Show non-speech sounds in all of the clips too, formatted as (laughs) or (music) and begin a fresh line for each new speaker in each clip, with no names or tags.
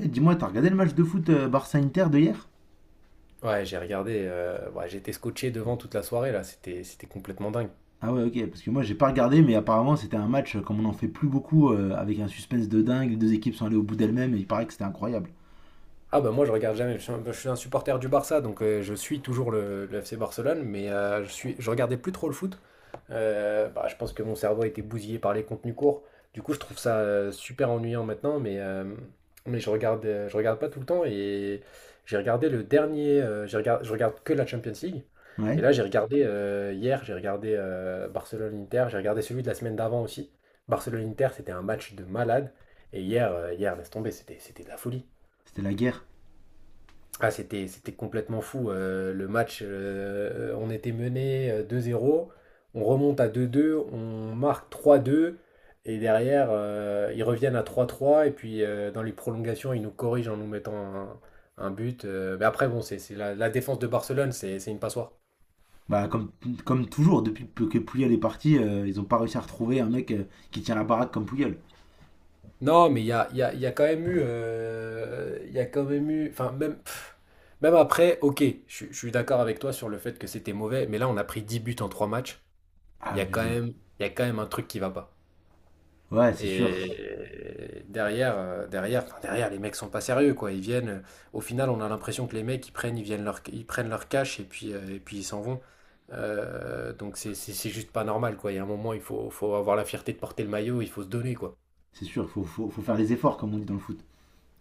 Eh, dis-moi, t'as regardé le match de foot Barça-Inter de hier?
Ouais, j'ai regardé, ouais, j'étais scotché devant toute la soirée là, c'était complètement dingue.
Ah ouais, ok, parce que moi j'ai pas regardé, mais apparemment c'était un match, comme on en fait plus beaucoup, avec un suspense de dingue, les deux équipes sont allées au bout d'elles-mêmes, et il paraît que c'était incroyable.
Ah bah moi je regarde jamais, je suis un supporter du Barça, donc je suis toujours le FC Barcelone, mais je regardais plus trop le foot. Bah, je pense que mon cerveau a été bousillé par les contenus courts. Du coup je trouve ça super ennuyant maintenant, mais je regarde pas tout le temps et j'ai regardé le dernier, je regarde que la Champions League. Et
Ouais,
là j'ai regardé hier, j'ai regardé Barcelone-Inter, j'ai regardé celui de la semaine d'avant aussi. Barcelone-Inter, c'était un match de malade. Et hier, hier laisse tomber, c'était de la folie.
c'était la guerre.
Ah, c'était complètement fou. Le match, on était mené 2-0, on remonte à 2-2, on marque 3-2 et derrière, ils reviennent à 3-3 et puis dans les prolongations, ils nous corrigent en nous mettant un but. Mais après, bon, c'est la défense de Barcelone, c'est une passoire.
Bah comme, comme toujours, depuis que Puyol est parti, ils ont pas réussi à retrouver un mec qui tient la baraque comme Puyol.
Non, mais il y a, il y a- il y a quand même eu... Enfin, même après, ok, je suis d'accord avec toi sur le fait que c'était mauvais, mais là, on a pris 10 buts en 3 matchs. Il y a quand
Abusé.
même, il y a quand même un truc qui va pas.
Ouais,
Et derrière, enfin, derrière, les mecs sont pas sérieux, quoi. Au final, on a l'impression que les mecs, ils prennent leur cash et puis, et puis ils s'en vont. Donc c'est juste pas normal, quoi. Il y a un moment, faut avoir la fierté de porter le maillot, il faut se donner, quoi.
c'est sûr, faut faire les efforts comme on dit dans le foot.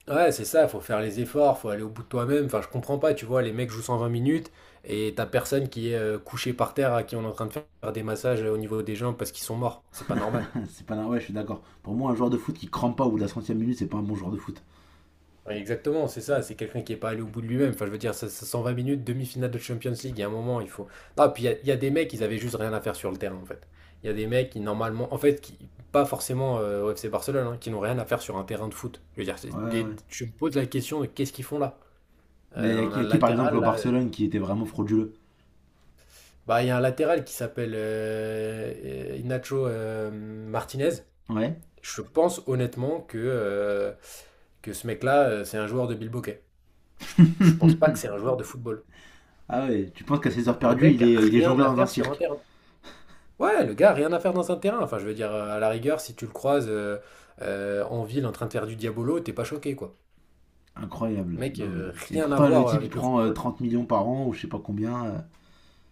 Ouais, c'est ça, faut faire les efforts, faut aller au bout de toi-même. Enfin, je comprends pas, tu vois, les mecs jouent 120 minutes et t'as personne qui est couché par terre à qui on est en train de faire des massages au niveau des jambes parce qu'ils sont morts. C'est pas normal.
(laughs) C'est pas normal, ouais, je suis d'accord. Pour moi, un joueur de foot qui crampe pas au bout de la centième minute, c'est pas un bon joueur de foot.
Ouais, exactement, c'est ça, c'est quelqu'un qui n'est pas allé au bout de lui-même. Enfin, je veux dire, 120 minutes, demi-finale de Champions League, il y a un moment, il faut. Ah, puis il y a des mecs, ils avaient juste rien à faire sur le terrain, en fait. Il y a des mecs qui, normalement, en fait, qui, pas forcément au FC Barcelone, hein, qui n'ont rien à faire sur un terrain de foot. Je veux dire,
Ouais, ouais, ouais.
je me pose la question de qu'est-ce qu'ils font là?
Mais il
On a
y
un
a qui par exemple
latéral,
au
là.
Barcelone qui était vraiment frauduleux?
Bah, il y a un latéral qui s'appelle Inacho Martinez.
Ouais.
Je pense honnêtement que ce mec-là, c'est un joueur de Bilboquet. Je, je pense pas que c'est un joueur de football.
Ah ouais, tu penses qu'à
Le,
ses
le-
heures
le
perdues,
mec
il
a
est, il est
rien à
jongleur dans un
faire sur un
cirque.
terrain. Ouais, le gars a rien à faire dans un terrain. Enfin, je veux dire, à la rigueur, si tu le croises en ville en train de faire du diabolo, t'es pas choqué, quoi.
Incroyable.
Mec,
Non, mais... Et
rien à
pourtant, le
voir
type, il
avec le
prend
football.
30 millions par an, ou je sais pas combien,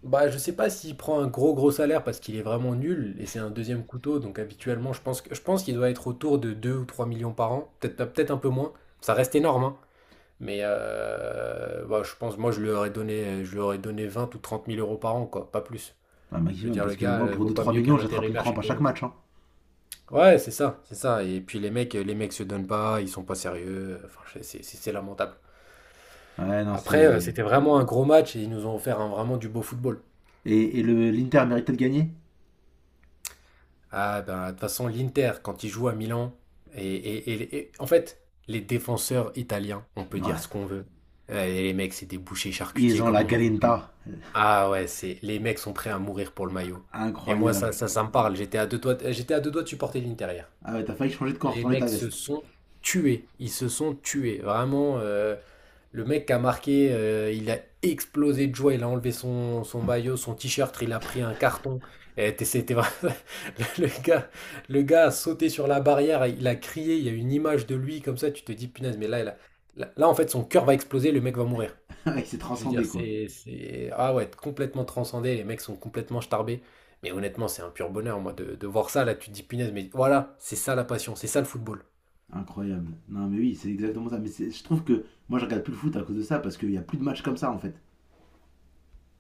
Bah, je sais pas s'il prend un gros gros salaire parce qu'il est vraiment nul et c'est un deuxième couteau, donc habituellement, je pense qu'il doit être autour de 2 ou 3 millions par an, peut-être peut-être un peu moins. Ça reste énorme, hein. Mais bah, je pense, moi, je lui aurais donné 20 000 ou 30 000 euros par an, quoi, pas plus.
un
Je veux
maximum,
dire, le
parce que
gars,
moi, pour
vaut
deux
pas
trois
mieux
millions,
qu'un
j'attrape une
intérimaire chez
crampe à chaque
Peugeot.
match, hein.
Ouais, c'est ça, c'est ça. Et puis les mecs se donnent pas, ils sont pas sérieux. Enfin, c'est lamentable.
Ouais, non,
Après,
c'est...
c'était vraiment un gros match et ils nous ont offert vraiment du beau football.
Et le, l'Inter méritait de gagner.
Ah ben, de toute façon, l'Inter, quand il joue à Milan, en fait, les défenseurs italiens, on peut dire
Ouais.
ce qu'on veut. Et les mecs, c'est des bouchers
Ils
charcutiers
ont
comme
la
on n'en fait plus.
grinta.
Ah ouais, c'est les mecs sont prêts à mourir pour le maillot. Et moi, ça,
Incroyable.
ça, ça me parle. J'étais à deux doigts, j'étais à deux doigts de supporter l'Inter hier.
Ah ouais, t'as failli changer de camp,
Les
retourner ta
mecs se
veste.
sont tués. Ils se sont tués. Vraiment, le mec qui a marqué, il a explosé de joie. Il a enlevé son maillot, son t-shirt. Il a pris un carton. C'était vraiment... (laughs) le gars, le gars a sauté sur la barrière. Il a crié. Il y a une image de lui comme ça. Tu te dis, punaise, mais là, là, en fait, son cœur va exploser. Le mec va mourir.
(laughs) Il s'est
Je veux dire,
transcendé, quoi.
Ah ouais, complètement transcendé, les mecs sont complètement starbés. Mais honnêtement, c'est un pur bonheur, moi, de voir ça, là, tu te dis, punaise, mais voilà, c'est ça la passion, c'est ça le football.
Incroyable. Non, mais oui, c'est exactement ça. Mais je trouve que moi, je regarde plus le foot à cause de ça, parce qu'il y a plus de matchs comme ça, en fait.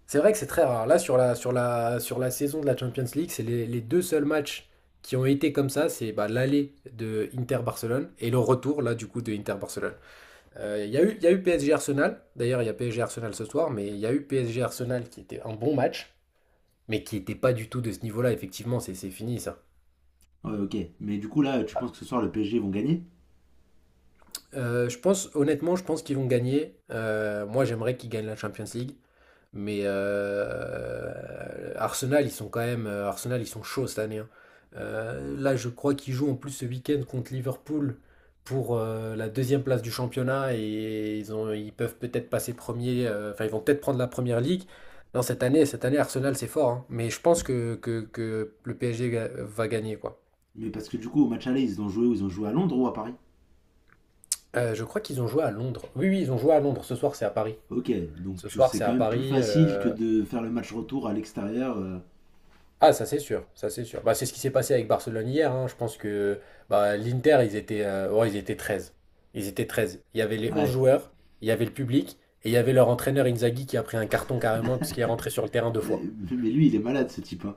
C'est vrai que c'est très rare. Là, sur la saison de la Champions League, c'est les deux seuls matchs qui ont été comme ça, c'est bah, l'aller de Inter-Barcelone et le retour, là, du coup, de Inter-Barcelone. Il y a eu PSG-Arsenal, d'ailleurs, il y a PSG-Arsenal ce soir, mais il y a eu PSG-Arsenal qui était un bon match, mais qui n'était pas du tout de ce niveau-là, effectivement, c'est fini, ça.
Ouais, ok. Mais du coup, là, tu penses que ce soir, le PSG vont gagner?
Je pense, honnêtement, je pense qu'ils vont gagner. Moi, j'aimerais qu'ils gagnent la Champions League. Mais Arsenal, ils sont quand même. Arsenal, ils sont chauds cette année, hein. Là, je crois qu'ils jouent en plus ce week-end contre Liverpool pour la deuxième place du championnat et ils peuvent peut-être passer premier. Enfin, ils vont peut-être prendre la première ligue. Non, cette année, Arsenal, c'est fort, hein. Mais je pense que le va gagner, quoi.
Mais parce que du coup, au match aller, ils ont joué où? Ils ont joué à Londres ou à Paris?
Je crois qu'ils ont joué à Londres. Oui, oui, ils ont joué à Londres. Ce soir, c'est à Paris.
Ok, donc
Ce soir,
c'est
c'est
quand
à
même plus
Paris.
facile que de faire le match retour à l'extérieur,
Ah, ça c'est sûr, ça c'est sûr. Bah, c'est ce qui s'est passé avec Barcelone hier, hein. Je pense que bah, l'Inter, ils étaient, ouais, ils étaient 13. Ils étaient 13. Il y avait les 11
Ouais.
joueurs, il y avait le public, et il y avait leur entraîneur Inzaghi qui a pris un carton carrément parce qu'il est rentré sur le terrain deux fois.
Mais lui, il est malade, ce type, hein.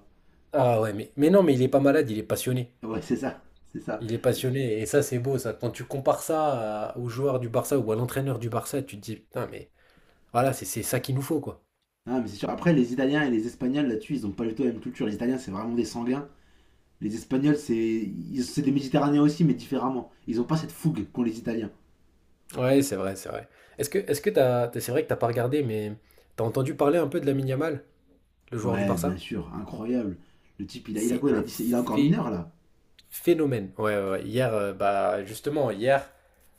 Ah ouais, mais non, mais il est pas malade, il est passionné.
Ouais, c'est ça. C'est ça.
Il est passionné, et ça c'est beau, ça. Quand tu compares aux joueurs du Barça ou à l'entraîneur du Barça, tu te dis, putain, mais voilà, c'est ça qu'il nous faut, quoi.
Ah, mais c'est sûr. Après, les Italiens et les Espagnols, là-dessus, ils ont pas du tout la même culture. Les Italiens, c'est vraiment des sanguins. Les Espagnols, c'est des Méditerranéens aussi, mais différemment. Ils ont pas cette fougue qu'ont les Italiens.
Ouais, c'est vrai, c'est vrai. Est-ce que t'as, t'as- C'est vrai que t'as pas regardé, mais t'as entendu parler un peu de Lamine Yamal, le joueur du
Ouais, bien
Barça?
sûr. Incroyable. Le type, il a, il a
C'est
quoi il a,
un
17, il a encore mineur, là.
phénomène. Ouais, ouais, ouais. Hier, bah justement, hier,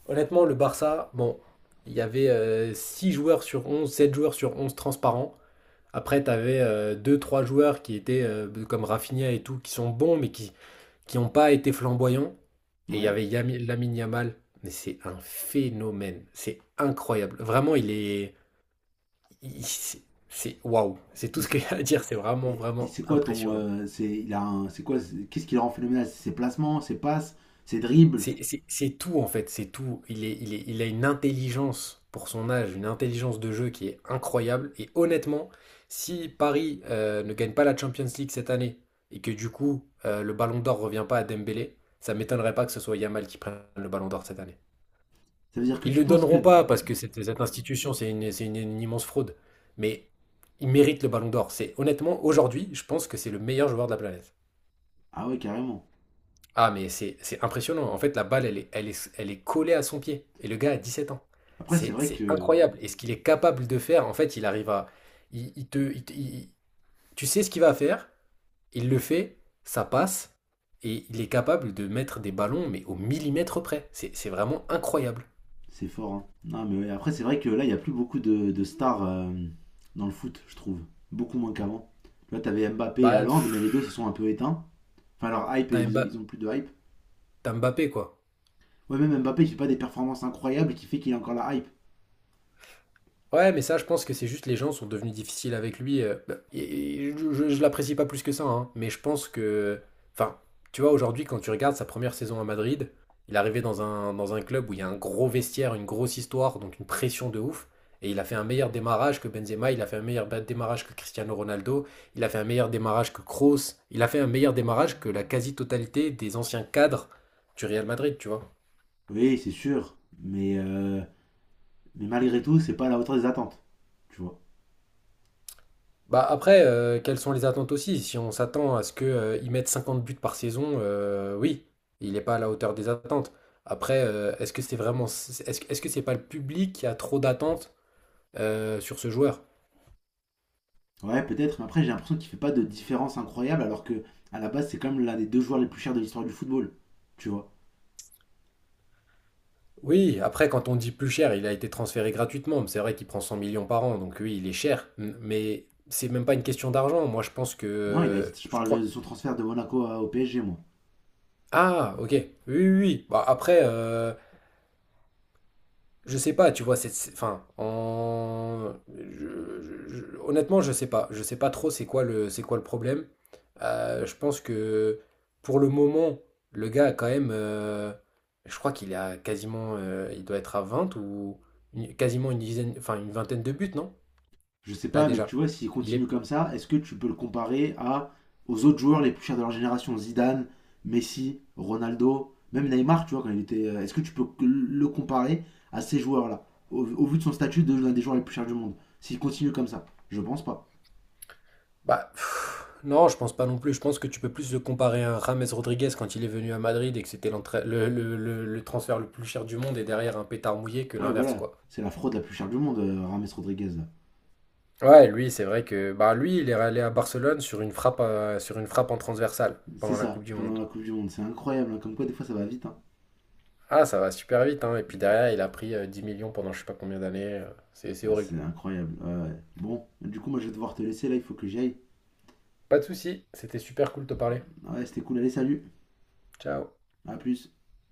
honnêtement, le Barça, bon, il y avait 6 joueurs sur 11, 7 joueurs sur 11 transparents. Après, t'avais avais 2-3 joueurs qui étaient comme Rafinha et tout, qui sont bons, mais qui n'ont pas été flamboyants. Et il y
Ouais.
avait Lamine Yamal. Mais c'est un phénomène. C'est incroyable. Vraiment, il est. il- c'est- waouh, c'est tout ce qu'il y
Et
a à dire, c'est vraiment,
Et
vraiment
c'est quoi ton.
impressionnant.
C'est il a un- c'est quoi c'est- qu'est-ce qui le rend phénoménal? C'est ses placements, ses passes, ses dribbles.
C'est tout en fait, c'est tout. Il a une intelligence pour son âge, une intelligence de jeu qui est incroyable. Et honnêtement, si Paris ne gagne pas la Champions League cette année et que du coup le Ballon d'Or revient pas à Dembélé, ça m'étonnerait pas que ce soit Yamal qui prenne le Ballon d'Or cette année.
Ça veut dire que
Ils
tu
le
penses
donneront
que...
pas parce que cette institution, une immense fraude. Mais il mérite le Ballon d'Or. C'est honnêtement aujourd'hui, je pense que c'est le meilleur joueur de la planète.
Ah ouais, carrément.
Ah, mais c'est impressionnant. En fait, la balle, elle est collée à son pied. Et le gars a 17 ans.
Après, c'est
C'est
vrai
c'est
que
incroyable. Et ce qu'il est capable de faire, en fait, il arrive à. Il, il te, il te- il- Tu sais ce qu'il va faire, il le fait, ça passe. Et il est capable de mettre des ballons, mais au millimètre près. C'est vraiment incroyable.
c'est fort, hein. Non, mais ouais, après, c'est vrai que là, il n'y a plus beaucoup de stars dans le foot, je trouve. Beaucoup moins qu'avant. Là, t'avais Mbappé et
Bah,
Haaland, mais les
pff,
deux se sont un peu éteints. Enfin, leur hype,
t'as
ils ont, ils
Mba-
ont plus de hype.
t'as Mbappé, quoi.
Ouais, même Mbappé, il fait pas des performances incroyables qui fait qu'il a encore la hype.
Ouais, mais ça, je pense que c'est juste les gens sont devenus difficiles avec lui. Bah, je l'apprécie pas plus que ça, hein, mais je pense que. Enfin, tu vois, aujourd'hui, quand tu regardes sa première saison à Madrid, il est arrivé dans un club où il y a un gros vestiaire, une grosse histoire, donc une pression de ouf. Et il a fait un meilleur démarrage que Benzema, il a fait un meilleur démarrage que Cristiano Ronaldo, il a fait un meilleur démarrage que Kroos, il a fait un meilleur démarrage que la quasi-totalité des anciens cadres du Real Madrid, tu vois.
Oui, c'est sûr. Mais malgré tout, c'est pas à la hauteur des attentes. Tu vois.
Bah après, quelles sont les attentes aussi? Si on s'attend à ce que, il mette 50 buts par saison, oui, il n'est pas à la hauteur des attentes. Après, est-ce que c'est pas le public qui a trop d'attentes sur ce joueur?
Ouais, peut-être, mais après j'ai l'impression qu'il fait pas de différence incroyable alors que à la base c'est quand même l'un des deux joueurs les plus chers de l'histoire du football. Tu vois.
Oui, après, quand on dit plus cher, il a été transféré gratuitement, mais c'est vrai qu'il prend 100 millions par an, donc oui, il est cher. Mais c'est même pas une question d'argent. Moi,
Non, je
je
parle de
crois.
son transfert de Monaco au PSG, moi.
Ah, ok. Oui, oui, oui. Bah après. Je sais pas, tu vois, enfin, honnêtement, je sais pas trop c'est quoi le problème. Je pense que pour le moment, le gars a quand même, je crois qu'il a quasiment, il doit être à quasiment une dizaine, enfin une vingtaine de buts, non?
Je sais
Là
pas, mais
déjà,
tu vois, s'il
il
continue
est,
comme ça, est-ce que tu peux le comparer à aux autres joueurs les plus chers de leur génération, Zidane, Messi, Ronaldo, même Neymar, tu vois, quand il était... Est-ce que tu peux que le comparer à ces joueurs-là, au vu de son statut de l'un des joueurs les plus chers du monde? S'il continue comme ça, je pense pas.
bah, pff, non, je pense pas non plus. Je pense que tu peux plus le comparer à James Rodriguez quand il est venu à Madrid et que c'était le transfert le plus cher du monde et derrière un pétard mouillé que
Ouais,
l'inverse,
voilà,
quoi.
c'est la fraude la plus chère du monde, Rames Rodriguez, là.
Ouais, lui, c'est vrai que bah lui, il est allé à Barcelone sur une frappe en transversale
C'est
pendant la Coupe
ça,
du
pendant
Monde.
la Coupe du Monde. C'est incroyable, hein, comme quoi des fois ça va vite, hein.
Ah, ça va super vite, hein. Et puis derrière, il a pris 10 millions pendant je sais pas combien d'années. C'est
Ah,
horrible.
c'est incroyable, ouais, ouais. Bon, du coup, moi je vais devoir te laisser là, il faut que j'y aille.
Pas de souci, c'était super cool de te parler.
Ouais, c'était cool, allez, salut.
Ciao.
À plus.